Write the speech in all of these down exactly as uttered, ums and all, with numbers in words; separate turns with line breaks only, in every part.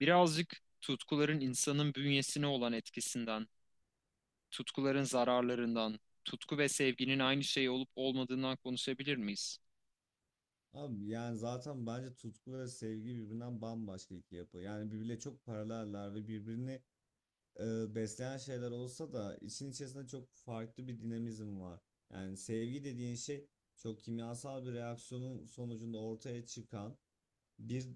Birazcık tutkuların insanın bünyesine olan etkisinden, tutkuların zararlarından, tutku ve sevginin aynı şey olup olmadığından konuşabilir miyiz?
Abi yani zaten bence tutku ve sevgi birbirinden bambaşka iki yapı. Yani birbirle çok paraleller ve birbirini e, besleyen şeyler olsa da işin içerisinde çok farklı bir dinamizm var. Yani sevgi dediğin şey çok kimyasal bir reaksiyonun sonucunda ortaya çıkan bir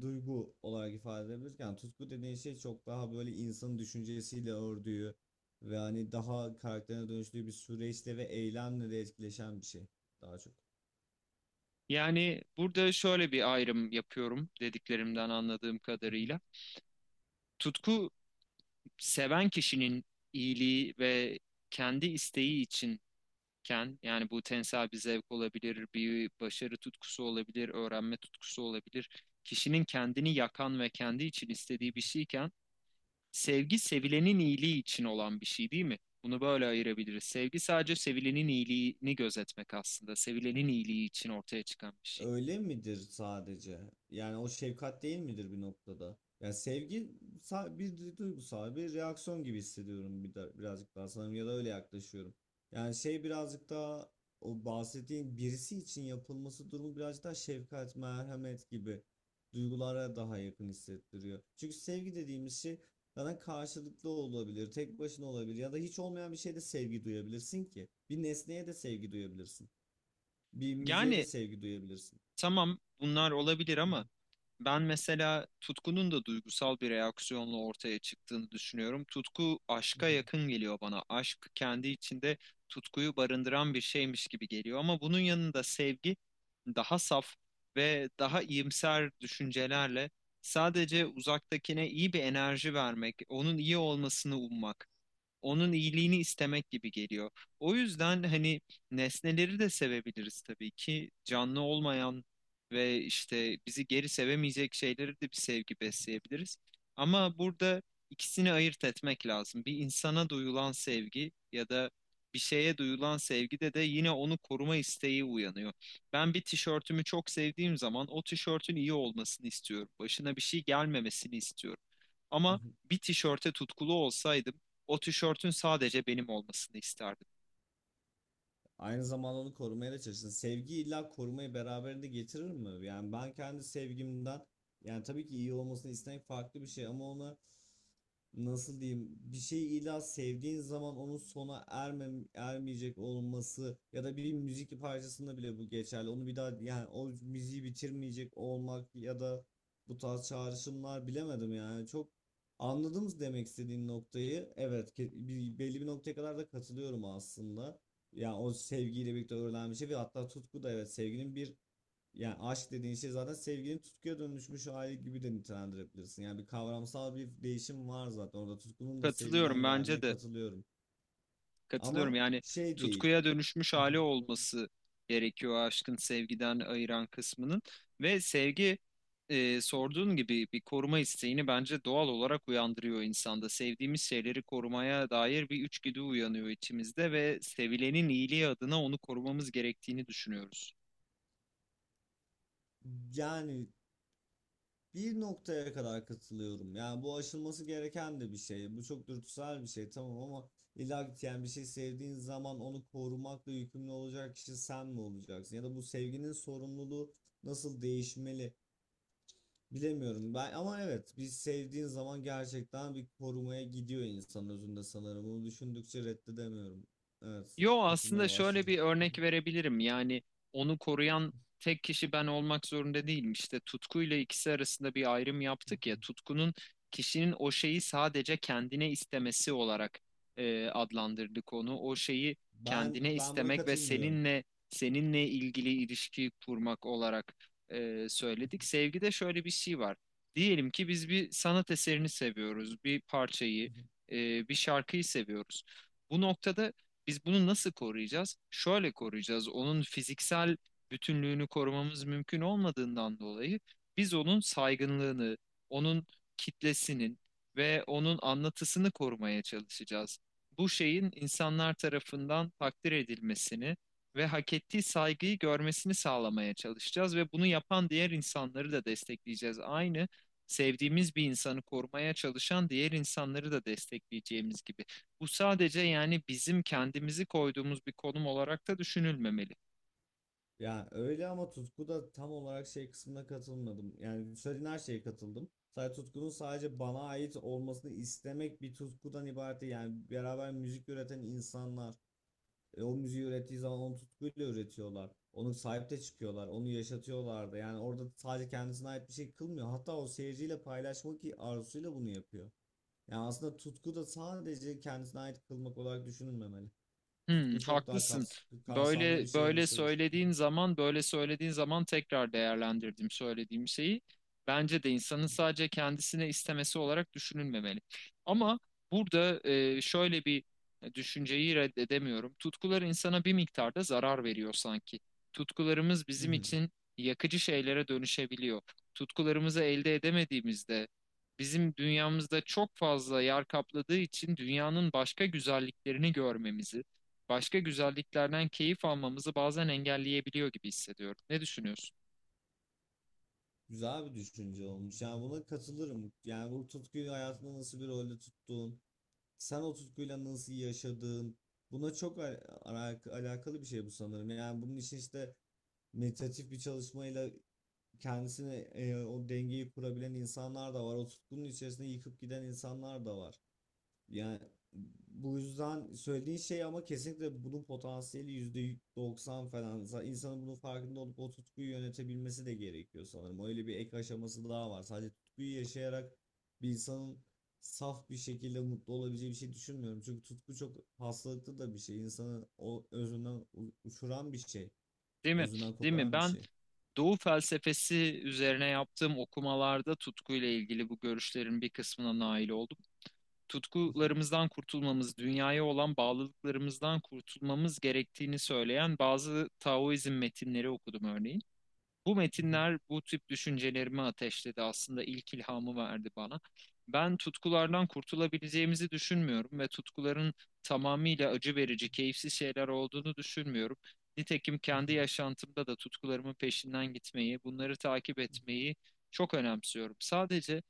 duygu olarak ifade edebilirken tutku dediğin şey çok daha böyle insanın düşüncesiyle ördüğü ve hani daha karakterine dönüştüğü bir süreçte ve eylemle de etkileşen bir şey daha çok.
Yani burada şöyle bir ayrım yapıyorum dediklerimden anladığım kadarıyla. Tutku seven kişinin iyiliği ve kendi isteği içinken, yani bu tensel bir zevk olabilir, bir başarı tutkusu olabilir, öğrenme tutkusu olabilir. Kişinin kendini yakan ve kendi için istediği bir şeyken, sevgi sevilenin iyiliği için olan bir şey değil mi? Bunu böyle ayırabiliriz. Sevgi sadece sevilenin iyiliğini gözetmek aslında. Sevilenin iyiliği için ortaya çıkan bir şey.
Öyle midir sadece? Yani o şefkat değil midir bir noktada? Yani sevgi sa- bir du- duygusal bir reaksiyon gibi hissediyorum bir de, birazcık daha sanırım ya da öyle yaklaşıyorum. Yani şey birazcık daha o bahsettiğin birisi için yapılması durumu birazcık daha şefkat, merhamet gibi duygulara daha yakın hissettiriyor. Çünkü sevgi dediğimiz şey sana karşılıklı olabilir, tek başına olabilir ya da hiç olmayan bir şeyde sevgi duyabilirsin ki. Bir nesneye de sevgi duyabilirsin. Bir müziğe de
Yani
sevgi duyabilirsin.
tamam, bunlar olabilir ama ben mesela tutkunun da duygusal bir reaksiyonla ortaya çıktığını düşünüyorum. Tutku aşka
Mhm,
yakın geliyor bana. Aşk kendi içinde tutkuyu barındıran bir şeymiş gibi geliyor, ama bunun yanında sevgi daha saf ve daha iyimser düşüncelerle sadece uzaktakine iyi bir enerji vermek, onun iyi olmasını ummak, onun iyiliğini istemek gibi geliyor. O yüzden hani nesneleri de sevebiliriz tabii ki. Canlı olmayan ve işte bizi geri sevemeyecek şeyleri de bir sevgi besleyebiliriz. Ama burada ikisini ayırt etmek lazım. Bir insana duyulan sevgi ya da bir şeye duyulan sevgide de yine onu koruma isteği uyanıyor. Ben bir tişörtümü çok sevdiğim zaman o tişörtün iyi olmasını istiyorum. Başına bir şey gelmemesini istiyorum. Ama
mhm.
bir tişörte tutkulu olsaydım o tişörtün sadece benim olmasını isterdim.
Aynı zamanda onu korumaya da çalışın. Sevgi illa korumayı beraberinde getirir mi? Yani ben kendi sevgimden, yani tabii ki iyi olmasını istemek farklı bir şey ama ona nasıl diyeyim, bir şeyi illa sevdiğin zaman onun sona ermem ermeyecek olması ya da bir müzik parçasında bile bu geçerli. Onu bir daha yani o müziği bitirmeyecek olmak ya da bu tarz çağrışımlar bilemedim yani, çok anladınız demek istediğin noktayı. Evet, ke- bir, belli bir noktaya kadar da katılıyorum aslında. Yani o sevgiyle birlikte öğrenen bir şey ve hatta tutku da evet sevginin bir, yani aşk dediğin şey zaten sevginin tutkuya dönüşmüş hali gibi de nitelendirebilirsin. Yani bir kavramsal bir değişim var zaten orada. Tutkunun da
Katılıyorum
sevgiden
bence
geldiğine
de.
katılıyorum.
Katılıyorum.
Ama
Yani
şey değil.
tutkuya dönüşmüş hali olması gerekiyor aşkın sevgiden ayıran kısmının. Ve sevgi, e, sorduğun gibi bir koruma isteğini bence doğal olarak uyandırıyor insanda. Sevdiğimiz şeyleri korumaya dair bir içgüdü uyanıyor içimizde ve sevilenin iyiliği adına onu korumamız gerektiğini düşünüyoruz.
Yani bir noktaya kadar katılıyorum. Yani bu aşılması gereken de bir şey. Bu çok dürtüsel bir şey tamam ama illa ki yani bir şey sevdiğin zaman onu korumakla yükümlü olacak kişi sen mi olacaksın? Ya da bu sevginin sorumluluğu nasıl değişmeli? Bilemiyorum ben ama evet biz sevdiğin zaman gerçekten bir korumaya gidiyor insan özünde sanırım. Bunu düşündükçe reddedemiyorum. Evet,
Yo, aslında
katılmaya
şöyle
başladım.
bir örnek verebilirim. Yani onu koruyan tek kişi ben olmak zorunda değilim. İşte tutkuyla ikisi arasında bir ayrım yaptık ya. Tutkunun kişinin o şeyi sadece kendine istemesi olarak e, adlandırdık onu. O şeyi
Ben
kendine
ben buna
istemek ve
katılmıyorum.
seninle seninle ilgili ilişki kurmak olarak e, söyledik. Sevgide şöyle bir şey var. Diyelim ki biz bir sanat eserini seviyoruz, bir parçayı, e, bir şarkıyı seviyoruz. Bu noktada biz bunu nasıl koruyacağız? Şöyle koruyacağız. Onun fiziksel bütünlüğünü korumamız mümkün olmadığından dolayı biz onun saygınlığını, onun kitlesinin ve onun anlatısını korumaya çalışacağız. Bu şeyin insanlar tarafından takdir edilmesini ve hak ettiği saygıyı görmesini sağlamaya çalışacağız ve bunu yapan diğer insanları da destekleyeceğiz. Aynı sevdiğimiz bir insanı korumaya çalışan diğer insanları da destekleyeceğimiz gibi. Bu sadece yani bizim kendimizi koyduğumuz bir konum olarak da düşünülmemeli.
Yani öyle ama tutku da tam olarak şey kısmına katılmadım. Yani söylediğin her şeye katıldım. Sadece tutkunun sadece bana ait olmasını istemek bir tutkudan ibaret değil. Yani beraber müzik üreten insanlar, E, o müziği ürettiği zaman onu tutkuyla üretiyorlar. Onu sahip de çıkıyorlar. Onu yaşatıyorlar da. Yani orada sadece kendisine ait bir şey kılmıyor. Hatta o seyirciyle paylaşmak arzusuyla bunu yapıyor. Yani aslında tutku da sadece kendisine ait kılmak olarak düşünülmemeli.
Hmm,
Tutku çok daha
haklısın.
kaps kapsamlı bir
Böyle
şeye
böyle
ulaşabilir.
söylediğin zaman, böyle söylediğin zaman tekrar değerlendirdim söylediğim şeyi. Bence de insanın sadece kendisine istemesi olarak düşünülmemeli. Ama burada, e, şöyle bir düşünceyi reddedemiyorum. Tutkular insana bir miktarda zarar veriyor sanki. Tutkularımız bizim için yakıcı şeylere dönüşebiliyor. Tutkularımızı elde edemediğimizde bizim dünyamızda çok fazla yer kapladığı için dünyanın başka güzelliklerini görmemizi, başka güzelliklerden keyif almamızı bazen engelleyebiliyor gibi hissediyorum. Ne düşünüyorsun?
Güzel bir düşünce olmuş. Yani buna katılırım. Yani bu tutkuyu hayatında nasıl bir rolde tuttuğun, sen o tutkuyla nasıl yaşadığın, buna çok al- alak- alakalı bir şey bu sanırım. Yani bunun için işte meditatif bir çalışmayla kendisine e, o dengeyi kurabilen insanlar da var. O tutkunun içerisinde yıkıp giden insanlar da var. Yani bu yüzden söylediğin şey, ama kesinlikle bunun potansiyeli yüzde doksan falan. Za- İnsanın bunun farkında olup o tutkuyu yönetebilmesi de gerekiyor sanırım. Öyle bir ek aşaması daha var. Sadece tutkuyu yaşayarak bir insanın saf bir şekilde mutlu olabileceği bir şey düşünmüyorum. Çünkü tutku çok hastalıklı da bir şey. İnsanı o özünden u- uçuran bir şey.
Değil mi?
Özünden
Değil mi?
koparan bir
Ben
şey.
Doğu felsefesi üzerine yaptığım okumalarda tutkuyla ilgili bu görüşlerin bir kısmına nail oldum. Tutkularımızdan kurtulmamız, dünyaya olan bağlılıklarımızdan kurtulmamız gerektiğini söyleyen bazı Taoizm metinleri okudum örneğin. Bu metinler bu tip düşüncelerimi ateşledi. Aslında ilk ilhamı verdi bana. Ben tutkulardan kurtulabileceğimizi düşünmüyorum ve tutkuların tamamıyla acı verici, keyifsiz şeyler olduğunu düşünmüyorum. Nitekim kendi yaşantımda da tutkularımın peşinden gitmeyi, bunları takip etmeyi çok önemsiyorum. Sadece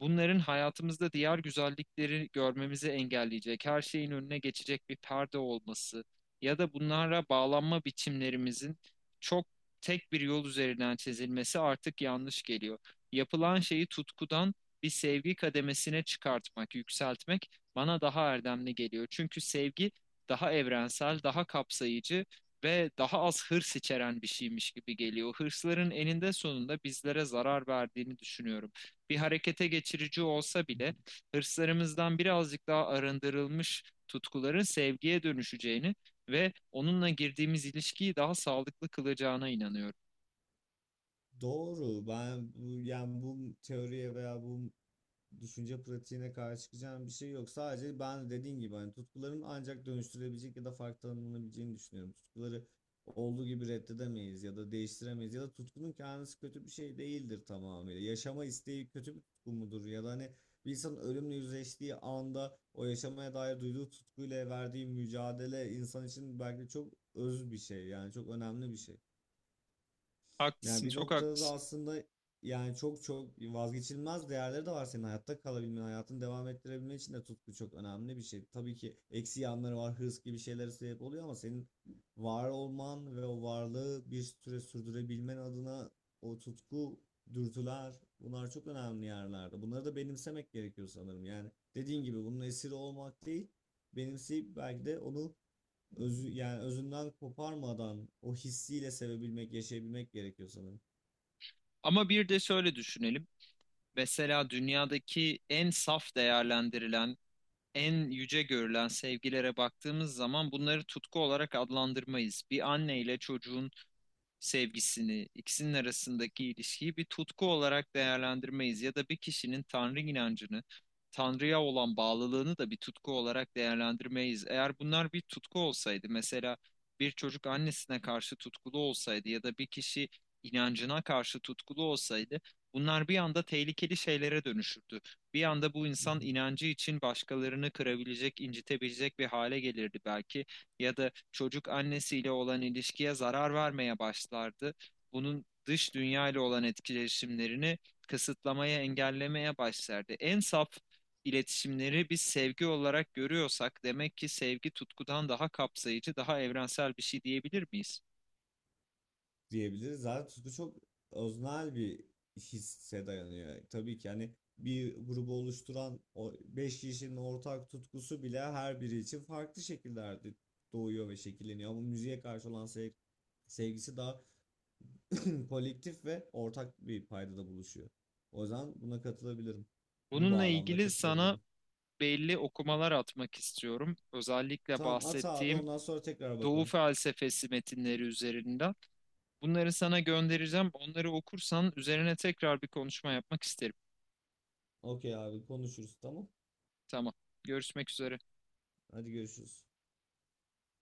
bunların hayatımızda diğer güzellikleri görmemizi engelleyecek, her şeyin önüne geçecek bir perde olması ya da bunlara bağlanma biçimlerimizin çok tek bir yol üzerinden çizilmesi artık yanlış geliyor. Yapılan şeyi tutkudan bir sevgi kademesine çıkartmak, yükseltmek bana daha erdemli geliyor. Çünkü sevgi daha evrensel, daha kapsayıcı ve daha az hırs içeren bir şeymiş gibi geliyor. Hırsların eninde sonunda bizlere zarar verdiğini düşünüyorum, bir harekete geçirici olsa bile hırslarımızdan birazcık daha arındırılmış tutkuların sevgiye dönüşeceğini ve onunla girdiğimiz ilişkiyi daha sağlıklı kılacağına inanıyorum.
Doğru. Ben bu yani bu teoriye veya bu düşünce pratiğine karşı çıkacağım bir şey yok. Sadece ben dediğin gibi hani tutkuların ancak dönüştürebilecek ya da farklı tanımlanabileceğini düşünüyorum. Tutkuları olduğu gibi reddedemeyiz ya da değiştiremeyiz ya da tutkunun kendisi kötü bir şey değildir tamamıyla. Yaşama isteği kötü bir tutku mudur ya da hani bir insanın ölümle yüzleştiği anda o yaşamaya dair duyduğu tutkuyla verdiği mücadele insan için belki çok öz bir şey, yani çok önemli bir şey. Yani
Haklısın,
bir
çok
noktada da
haklısın.
aslında, yani çok çok vazgeçilmez değerleri de var, senin hayatta kalabilmen, hayatını devam ettirebilmen için de tutku çok önemli bir şey. Tabii ki eksi yanları var, hırs gibi şeylere sebep oluyor ama senin var olman ve o varlığı bir süre sürdürebilmen adına o tutku, dürtüler, bunlar çok önemli yerlerde. Bunları da benimsemek gerekiyor sanırım. Yani dediğin gibi bunun esiri olmak değil, benimseyip belki de onu özü, yani özünden koparmadan o hissiyle sevebilmek, yaşayabilmek gerekiyor sanırım.
Ama bir de şöyle düşünelim. Mesela dünyadaki en saf değerlendirilen, en yüce görülen sevgilere baktığımız zaman bunları tutku olarak adlandırmayız. Bir anne ile çocuğun sevgisini, ikisinin arasındaki ilişkiyi bir tutku olarak değerlendirmeyiz ya da bir kişinin Tanrı inancını, Tanrı'ya olan bağlılığını da bir tutku olarak değerlendirmeyiz. Eğer bunlar bir tutku olsaydı, mesela bir çocuk annesine karşı tutkulu olsaydı ya da bir kişi inancına karşı tutkulu olsaydı, bunlar bir anda tehlikeli şeylere dönüşürdü. Bir anda bu insan inancı için başkalarını kırabilecek, incitebilecek bir hale gelirdi belki ya da çocuk annesiyle olan ilişkiye zarar vermeye başlardı. Bunun dış dünya ile olan etkileşimlerini kısıtlamaya, engellemeye başlardı. En saf iletişimleri biz sevgi olarak görüyorsak demek ki sevgi tutkudan daha kapsayıcı, daha evrensel bir şey diyebilir miyiz?
Diyebiliriz. Zaten tutku çok öznel bir hisse dayanıyor. Tabii ki hani bir grubu oluşturan o beş kişinin ortak tutkusu bile her biri için farklı şekillerde doğuyor ve şekilleniyor. Ama müziğe karşı olan sev- sevgisi daha kolektif ve ortak bir paydada buluşuyor. O yüzden buna katılabilirim. Bu
Bununla
bağlamda
ilgili sana
katılabilirim.
belli okumalar atmak istiyorum. Özellikle
Tamam at abi,
bahsettiğim
ondan sonra tekrar
Doğu
bakalım.
felsefesi metinleri üzerinden. Bunları sana göndereceğim. Onları okursan üzerine tekrar bir konuşma yapmak isterim.
Okey abi, konuşuruz tamam.
Tamam. Görüşmek üzere.
Hadi görüşürüz.